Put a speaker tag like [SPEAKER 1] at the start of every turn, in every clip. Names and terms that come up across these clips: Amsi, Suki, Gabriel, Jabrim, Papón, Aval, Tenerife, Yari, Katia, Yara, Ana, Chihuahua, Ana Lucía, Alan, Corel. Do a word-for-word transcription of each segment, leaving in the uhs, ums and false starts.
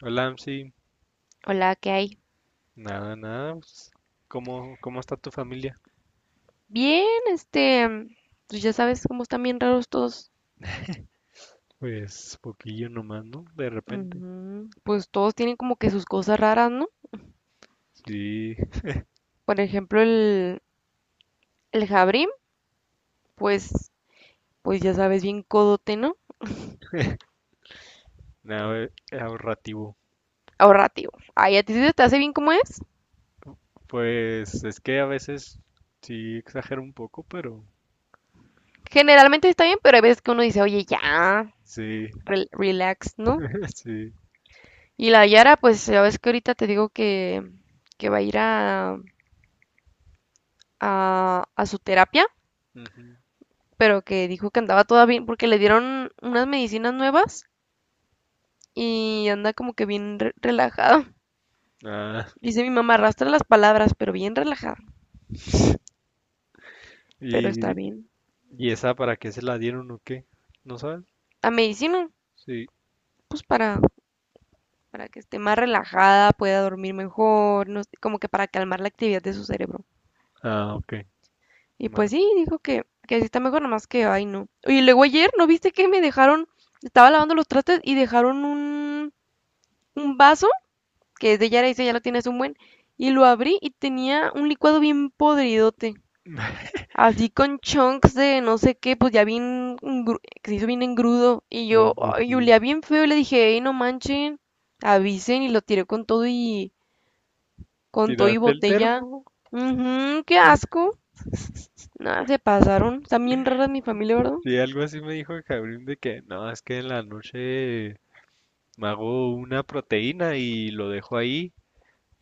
[SPEAKER 1] Hola, Amsi.
[SPEAKER 2] Hola, ¿qué hay?
[SPEAKER 1] Nada, nada, pues, ¿cómo, cómo está tu familia?
[SPEAKER 2] Bien, este, mm, pues ya sabes cómo están bien raros todos.
[SPEAKER 1] Pues poquillo nomás, ¿no? De repente.
[SPEAKER 2] Ujú. Pues todos tienen como que sus cosas raras, ¿no?
[SPEAKER 1] Sí,
[SPEAKER 2] Por ejemplo, el, el Jabrim, pues, pues ya sabes, bien codote, ¿no?
[SPEAKER 1] nada, eh, ahorrativo.
[SPEAKER 2] Ahorrativo. Ay, a ti sí se te hace bien como es.
[SPEAKER 1] Pues es que a veces sí exagero un poco, pero
[SPEAKER 2] Generalmente está bien, pero hay veces que uno dice, oye, ya,
[SPEAKER 1] sí,
[SPEAKER 2] rel- relax, ¿no?
[SPEAKER 1] sí.
[SPEAKER 2] Y la Yara, pues ya ves que ahorita te digo que, que va a ir a, a, a su terapia,
[SPEAKER 1] Ujú.
[SPEAKER 2] pero que dijo que andaba toda bien porque le dieron unas medicinas nuevas y anda como que bien re- relajada.
[SPEAKER 1] Ah,
[SPEAKER 2] Dice mi mamá, arrastra las palabras, pero bien relajada, pero está
[SPEAKER 1] y,
[SPEAKER 2] bien.
[SPEAKER 1] y- ¿esa para qué se la dieron o qué? ¿No sabes?
[SPEAKER 2] A medicina,
[SPEAKER 1] Sí.
[SPEAKER 2] pues para, para que esté más relajada, pueda dormir mejor, no sé, como que para calmar la actividad de su cerebro.
[SPEAKER 1] Ah, ok.
[SPEAKER 2] Y
[SPEAKER 1] Ma-
[SPEAKER 2] pues sí, dijo que, que sí está mejor, nomás que, ay, no. Oye, luego ayer, ¿no viste que me dejaron, estaba lavando los trastes y dejaron un, un vaso, que es de Yara, dice, ya lo tienes un buen, y lo abrí y tenía un licuado bien podridote. Así con chunks de no sé qué, pues ya bien, engru- que se hizo bien engrudo. Y
[SPEAKER 1] No,
[SPEAKER 2] yo,
[SPEAKER 1] pues
[SPEAKER 2] ay,
[SPEAKER 1] sí.
[SPEAKER 2] olía bien feo y le dije, hey, no manchen, avisen y lo tiré con todo y con todo y
[SPEAKER 1] ¿Tiraste el
[SPEAKER 2] botella.
[SPEAKER 1] termo?
[SPEAKER 2] Ujú, qué
[SPEAKER 1] Ah,
[SPEAKER 2] asco. Nada, se pasaron. Están bien raras mi familia, ¿verdad?
[SPEAKER 1] sí, algo así me dijo Gabriel de que no, es que en la noche me hago una proteína y lo dejo ahí,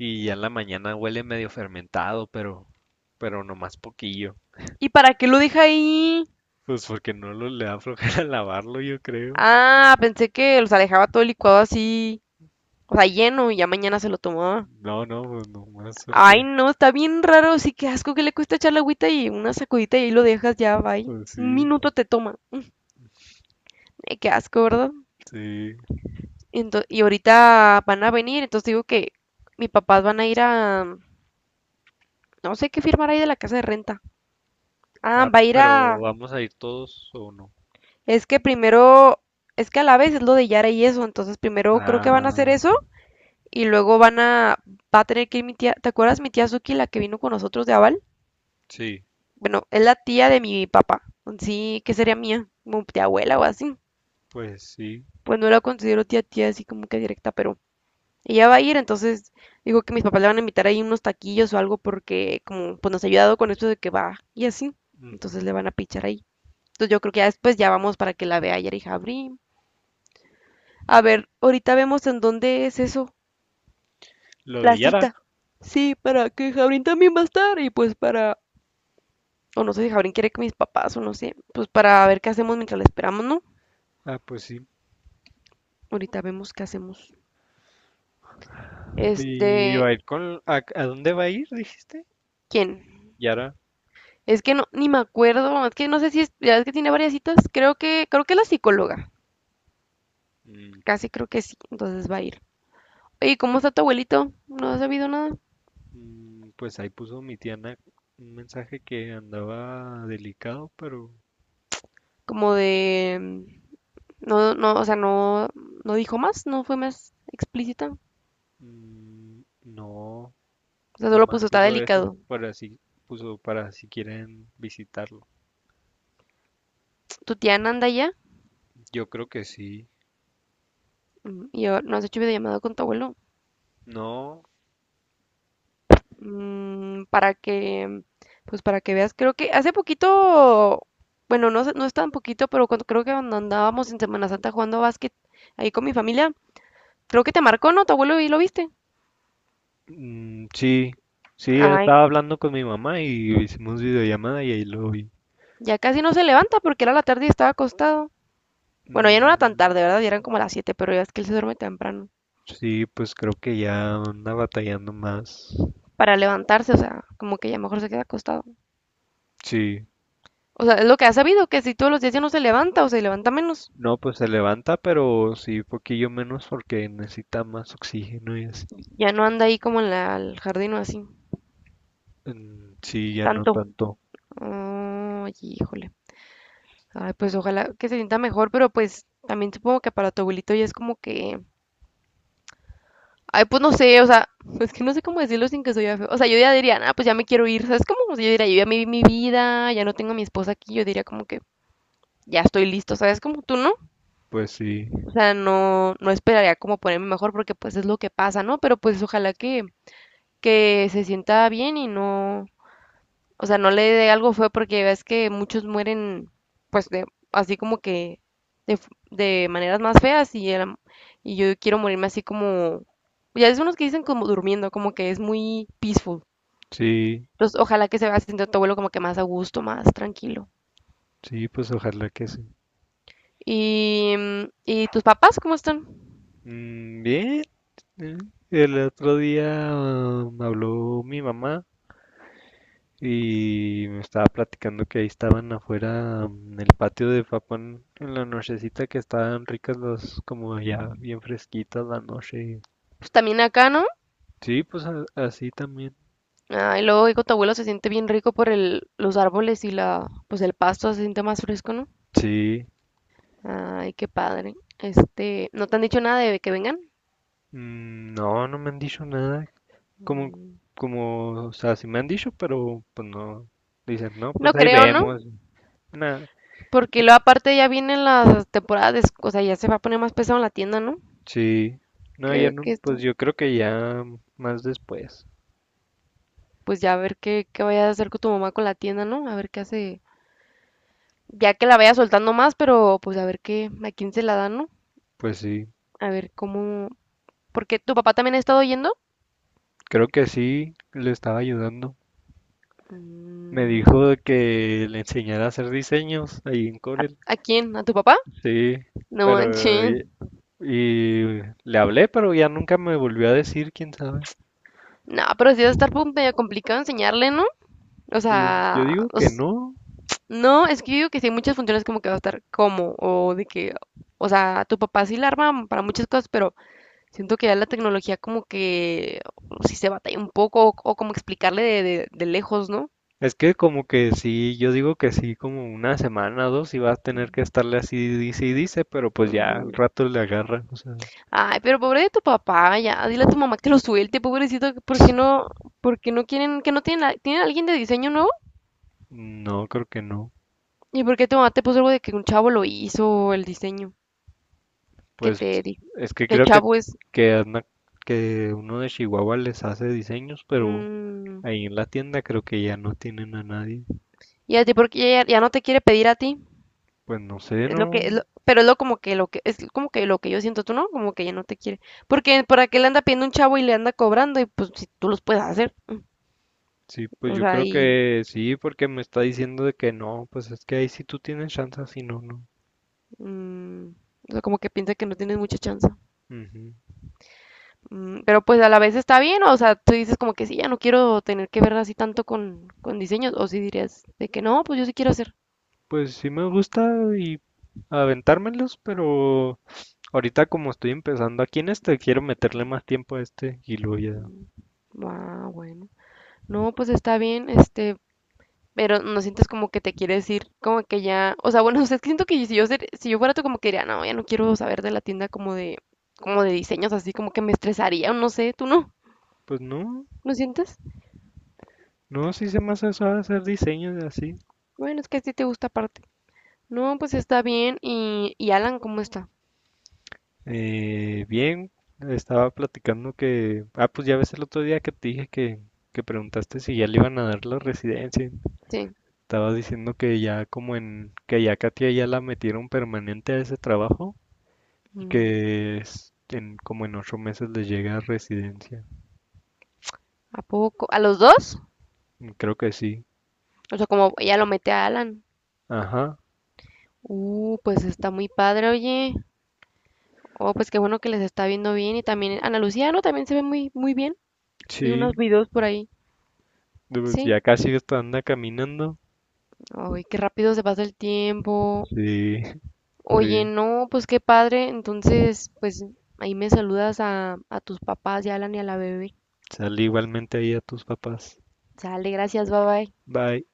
[SPEAKER 1] y ya en la mañana huele medio fermentado, pero, pero nomás poquillo.
[SPEAKER 2] ¿Y para qué lo deja ahí?
[SPEAKER 1] Pues porque no lo, le da flojera lavarlo, yo creo.
[SPEAKER 2] Ah, pensé que los alejaba todo el licuado así, o sea, lleno y ya mañana se lo tomaba.
[SPEAKER 1] No, no, pues nomás porque,
[SPEAKER 2] Ay, no, está bien raro, sí, qué asco que le cuesta echar la agüita y una sacudita y ahí lo dejas ya, bye.
[SPEAKER 1] pues
[SPEAKER 2] Un
[SPEAKER 1] sí,
[SPEAKER 2] minuto te toma. Eh, qué asco, ¿verdad?
[SPEAKER 1] sí.
[SPEAKER 2] Ento- y ahorita van a venir, entonces digo que mis papás van a ir a, mm, no sé qué firmar ahí de la casa de renta. Ah,
[SPEAKER 1] Ah,
[SPEAKER 2] va a ir a,
[SPEAKER 1] ¿pero vamos a ir todos o no?
[SPEAKER 2] es que primero, es que a la vez es lo de Yara y eso, entonces primero creo que van a hacer
[SPEAKER 1] Ah,
[SPEAKER 2] eso y luego van a, va a tener que ir mi tía, ¿te acuerdas mi tía Suki, la que vino con nosotros de Aval?
[SPEAKER 1] sí,
[SPEAKER 2] Bueno, es la tía de mi papá, sí, que sería mía, como tía abuela o así.
[SPEAKER 1] pues sí.
[SPEAKER 2] Pues no la considero tía tía así como que directa, pero ella va a ir, entonces digo que mis papás le van a invitar ahí unos taquillos o algo porque como pues nos ha ayudado con esto de que va y así, entonces
[SPEAKER 1] Ujú.
[SPEAKER 2] le van a pichar ahí. Entonces yo creo que ya después ya vamos para que la vea Yari Jabrín. A ver, ahorita vemos en dónde es eso,
[SPEAKER 1] Lo
[SPEAKER 2] la
[SPEAKER 1] de Yara.
[SPEAKER 2] cita. Sí, para que Jabrín también va a estar y pues para, o no sé si Jabrín quiere que mis papás o no sé, pues para ver qué hacemos mientras la esperamos, ¿no?
[SPEAKER 1] Ah, pues sí.
[SPEAKER 2] Ahorita vemos qué hacemos.
[SPEAKER 1] ¿Y va
[SPEAKER 2] Este,
[SPEAKER 1] a ir con... ¿a, a dónde va a ir, dijiste?
[SPEAKER 2] ¿quién?
[SPEAKER 1] Yara.
[SPEAKER 2] Es que no, ni me acuerdo, es que no sé si es, ya es que tiene varias citas, creo que, creo que es la psicóloga,
[SPEAKER 1] Mm,
[SPEAKER 2] casi creo que sí, entonces va a ir. Oye, ¿cómo está tu abuelito? ¿No has sabido nada?
[SPEAKER 1] Mm, Pues ahí puso mi tía Ana un mensaje que andaba delicado, pero
[SPEAKER 2] Como de, mm, no, no, o sea, no, no dijo más, no fue más explícita, o
[SPEAKER 1] mm, no,
[SPEAKER 2] sea, solo
[SPEAKER 1] nomás
[SPEAKER 2] puso, está
[SPEAKER 1] puso eso
[SPEAKER 2] delicado.
[SPEAKER 1] para si, puso para si quieren visitarlo.
[SPEAKER 2] ¿Tu tía Nanda ya?
[SPEAKER 1] Yo creo que sí.
[SPEAKER 2] Mm. Y yo, ¿no has hecho videollamada con tu abuelo?
[SPEAKER 1] No,
[SPEAKER 2] Mm, para que, pues para que veas, creo que hace poquito, bueno, no, sé- no es tan poquito, pero cuando, creo que cuando andábamos en Semana Santa jugando básquet ahí con mi familia, creo que te marcó, ¿no? Tu abuelo y lo viste.
[SPEAKER 1] mm, sí, sí,
[SPEAKER 2] Ay,
[SPEAKER 1] estaba hablando con mi mamá y hicimos videollamada y ahí lo vi.
[SPEAKER 2] ya casi no se levanta porque era la tarde y estaba acostado. Bueno, ya no era tan
[SPEAKER 1] Mm,
[SPEAKER 2] tarde, ¿verdad? Ya eran como las siete pero ya es que él se duerme temprano.
[SPEAKER 1] sí, pues creo que ya anda batallando más.
[SPEAKER 2] Para levantarse, o sea, como que ya mejor se queda acostado.
[SPEAKER 1] Sí.
[SPEAKER 2] O sea, es lo que ha sabido, que si todos los días ya no se levanta o se levanta menos,
[SPEAKER 1] No, pues se levanta, pero sí, poquillo menos porque necesita más oxígeno y así.
[SPEAKER 2] ya no anda ahí como en la- el jardín o así,
[SPEAKER 1] Mm. Sí, ya no
[SPEAKER 2] tanto.
[SPEAKER 1] tanto.
[SPEAKER 2] Ay, híjole. Ay, pues ojalá que se sienta mejor, pero pues también supongo que para tu abuelito ya es como que. Ay, pues no sé, o sea, es que no sé cómo decirlo sin que soy feo. O sea, yo ya diría, ah, pues ya me quiero ir, ¿sabes? Como, o sea, yo diría, yo ya me vi mi vida, ya no tengo a mi esposa aquí, yo diría como que ya estoy listo, ¿sabes? Como tú, ¿no?
[SPEAKER 1] Pues sí,
[SPEAKER 2] O sea, no, no esperaría como ponerme mejor porque pues es lo que pasa, ¿no? Pero pues ojalá que, que se sienta bien y no, o sea, no le dé algo feo porque ves que muchos mueren, pues, de, así como que de, f- de maneras más feas y, el- y yo quiero morirme así como, ya es unos que dicen como durmiendo, como que es muy peaceful.
[SPEAKER 1] sí,
[SPEAKER 2] Entonces, ojalá que se vaya haciendo tu abuelo como que más a gusto, más tranquilo.
[SPEAKER 1] sí, pues ojalá que sí.
[SPEAKER 2] Y, mm, ¿y tus papás cómo están?
[SPEAKER 1] Mm, bien, eh, el otro día, ah, me habló mi mamá y me estaba platicando que ahí estaban afuera, mm, en el patio de Papón en la nochecita, que estaban ricas las, como ya bien fresquitas la noche.
[SPEAKER 2] Pues también acá, ¿no?
[SPEAKER 1] Sí, pues a- así también.
[SPEAKER 2] Ah, y luego digo, tu abuelo se siente bien rico por el, los árboles y la, pues el pasto se siente más fresco, ¿no?
[SPEAKER 1] Sí.
[SPEAKER 2] Ay, qué padre. Este, ¿no te han dicho nada de que vengan?
[SPEAKER 1] Mm, no, no me han dicho nada. Como,
[SPEAKER 2] Mm.
[SPEAKER 1] como, o sea, sí me han dicho, pero pues no, dicen, no, pues
[SPEAKER 2] No
[SPEAKER 1] ahí
[SPEAKER 2] creo, ¿no?
[SPEAKER 1] vemos, nada,
[SPEAKER 2] Porque luego aparte ya vienen las temporadas, de esc- o sea, ya se va a poner más pesado en la tienda, ¿no?
[SPEAKER 1] sí, no, ya
[SPEAKER 2] Que,
[SPEAKER 1] no,
[SPEAKER 2] que
[SPEAKER 1] pues
[SPEAKER 2] esto-
[SPEAKER 1] yo creo que ya más después,
[SPEAKER 2] pues ya a ver qué, qué vaya a hacer con tu mamá con la tienda, ¿no? A ver qué hace, ya que la vaya soltando más, pero pues a ver qué, a quién se la dan, ¿no?
[SPEAKER 1] pues sí,
[SPEAKER 2] A ver cómo, porque tu papá también ha estado yendo.
[SPEAKER 1] creo que sí, le estaba ayudando. Me dijo
[SPEAKER 2] Mm.
[SPEAKER 1] de que le enseñara a hacer diseños ahí en Corel,
[SPEAKER 2] ¿A quién? ¿A tu papá?
[SPEAKER 1] sí,
[SPEAKER 2] No
[SPEAKER 1] pero,
[SPEAKER 2] manches.
[SPEAKER 1] y, y le hablé, pero ya nunca me volvió a decir, quién sabe,
[SPEAKER 2] No, pero sí va a estar pu- medio complicado enseñarle, ¿no? O
[SPEAKER 1] pues yo
[SPEAKER 2] sea,
[SPEAKER 1] digo que
[SPEAKER 2] os-
[SPEAKER 1] no.
[SPEAKER 2] no, es que yo digo que sí muchas funciones como que va a estar como, o de que, o sea, tu papá sí la arma para muchas cosas, pero siento que ya la tecnología como que sí se batalla un poco, o, o como explicarle de, de- de lejos, ¿no?
[SPEAKER 1] Es que como que sí, yo digo que sí, como una semana o dos y vas a tener que estarle así, dice y dice, pero pues ya al
[SPEAKER 2] Ujú.
[SPEAKER 1] rato le agarra, o sea,
[SPEAKER 2] Ay, pero pobre de tu papá, ya, dile a tu mamá que lo suelte, pobrecito, ¿por qué no, por qué no quieren, que no tienen, a- tienen a alguien de diseño nuevo?
[SPEAKER 1] no, creo que no.
[SPEAKER 2] ¿Y por qué tu mamá te puso algo de que un chavo lo hizo el diseño? ¿Qué
[SPEAKER 1] Pues
[SPEAKER 2] te di?
[SPEAKER 1] es que
[SPEAKER 2] ¿Qué
[SPEAKER 1] creo que,
[SPEAKER 2] chavo es?
[SPEAKER 1] que, anda- que uno de Chihuahua les hace diseños, pero
[SPEAKER 2] Mm.
[SPEAKER 1] ahí en la tienda creo que ya no tienen a nadie.
[SPEAKER 2] ¿Y a ti por qué ya, ya no te quiere pedir a ti?
[SPEAKER 1] Pues no sé,
[SPEAKER 2] Es lo que, es
[SPEAKER 1] no.
[SPEAKER 2] lo- pero es lo como que lo que, es como que lo que yo siento, tú no, como que ella no te quiere. Porque por qué le anda pidiendo un chavo y le anda cobrando, y pues si tú los puedes hacer.
[SPEAKER 1] Sí, pues
[SPEAKER 2] O
[SPEAKER 1] yo
[SPEAKER 2] sea,
[SPEAKER 1] creo
[SPEAKER 2] y
[SPEAKER 1] que sí, porque me está diciendo de que no, pues es que ahí sí tú tienes chance, si no, no.
[SPEAKER 2] mm, o sea, como que piensa que no tienes mucha chance.
[SPEAKER 1] Ujú.
[SPEAKER 2] Mm, pero pues a la vez está bien, o sea, tú dices como que sí, ya no quiero tener que ver así tanto con, con diseños, o si dirías de que no, pues yo sí quiero hacer.
[SPEAKER 1] Pues sí me gusta y aventármelos, pero ahorita como estoy empezando aquí en este, quiero meterle más tiempo a este y luego ya.
[SPEAKER 2] Mm. Ah, bueno. No, pues está bien, este, pero no sientes como que te quiere decir, como que ya, o sea, bueno, no sé, es que siento que si yo, ser- si yo fuera tú, como que diría, no, ya no quiero saber de la tienda como de, como de diseños, así como que me estresaría, o no sé, tú no,
[SPEAKER 1] Pues no,
[SPEAKER 2] ¿no sientes?
[SPEAKER 1] no, sí se me hace suave hacer diseños así.
[SPEAKER 2] Bueno, es que a ti te gusta aparte. No, pues está bien, y, y Alan, ¿cómo está?
[SPEAKER 1] Eh, bien, estaba platicando que, ah, pues ya ves el otro día que te dije que, que preguntaste si ya le iban a dar la residencia.
[SPEAKER 2] Sí,
[SPEAKER 1] Estaba diciendo que ya como en, que ya Katia ya la metieron permanente a ese trabajo y
[SPEAKER 2] mm,
[SPEAKER 1] que es- en, como en ocho meses le llega a residencia.
[SPEAKER 2] ¿a poco? ¿A los dos?
[SPEAKER 1] Creo que sí.
[SPEAKER 2] O sea, como ella lo mete a Alan.
[SPEAKER 1] Ajá.
[SPEAKER 2] Uh, pues está muy padre, oye. Oh, pues qué bueno que les está viendo bien, y también Ana Lucía, ¿no? También se ve muy, muy bien. Vi unos
[SPEAKER 1] Sí.
[SPEAKER 2] videos por ahí.
[SPEAKER 1] Pues
[SPEAKER 2] Sí.
[SPEAKER 1] ya casi hasta anda caminando.
[SPEAKER 2] Ay, qué rápido se pasa el tiempo.
[SPEAKER 1] Sí. Sí.
[SPEAKER 2] Oye, no, pues qué padre. Entonces, pues ahí me saludas a, a tus papás y a Alan y a la bebé.
[SPEAKER 1] Sale, igualmente ahí a tus papás.
[SPEAKER 2] Sale, gracias, bye bye.
[SPEAKER 1] Bye.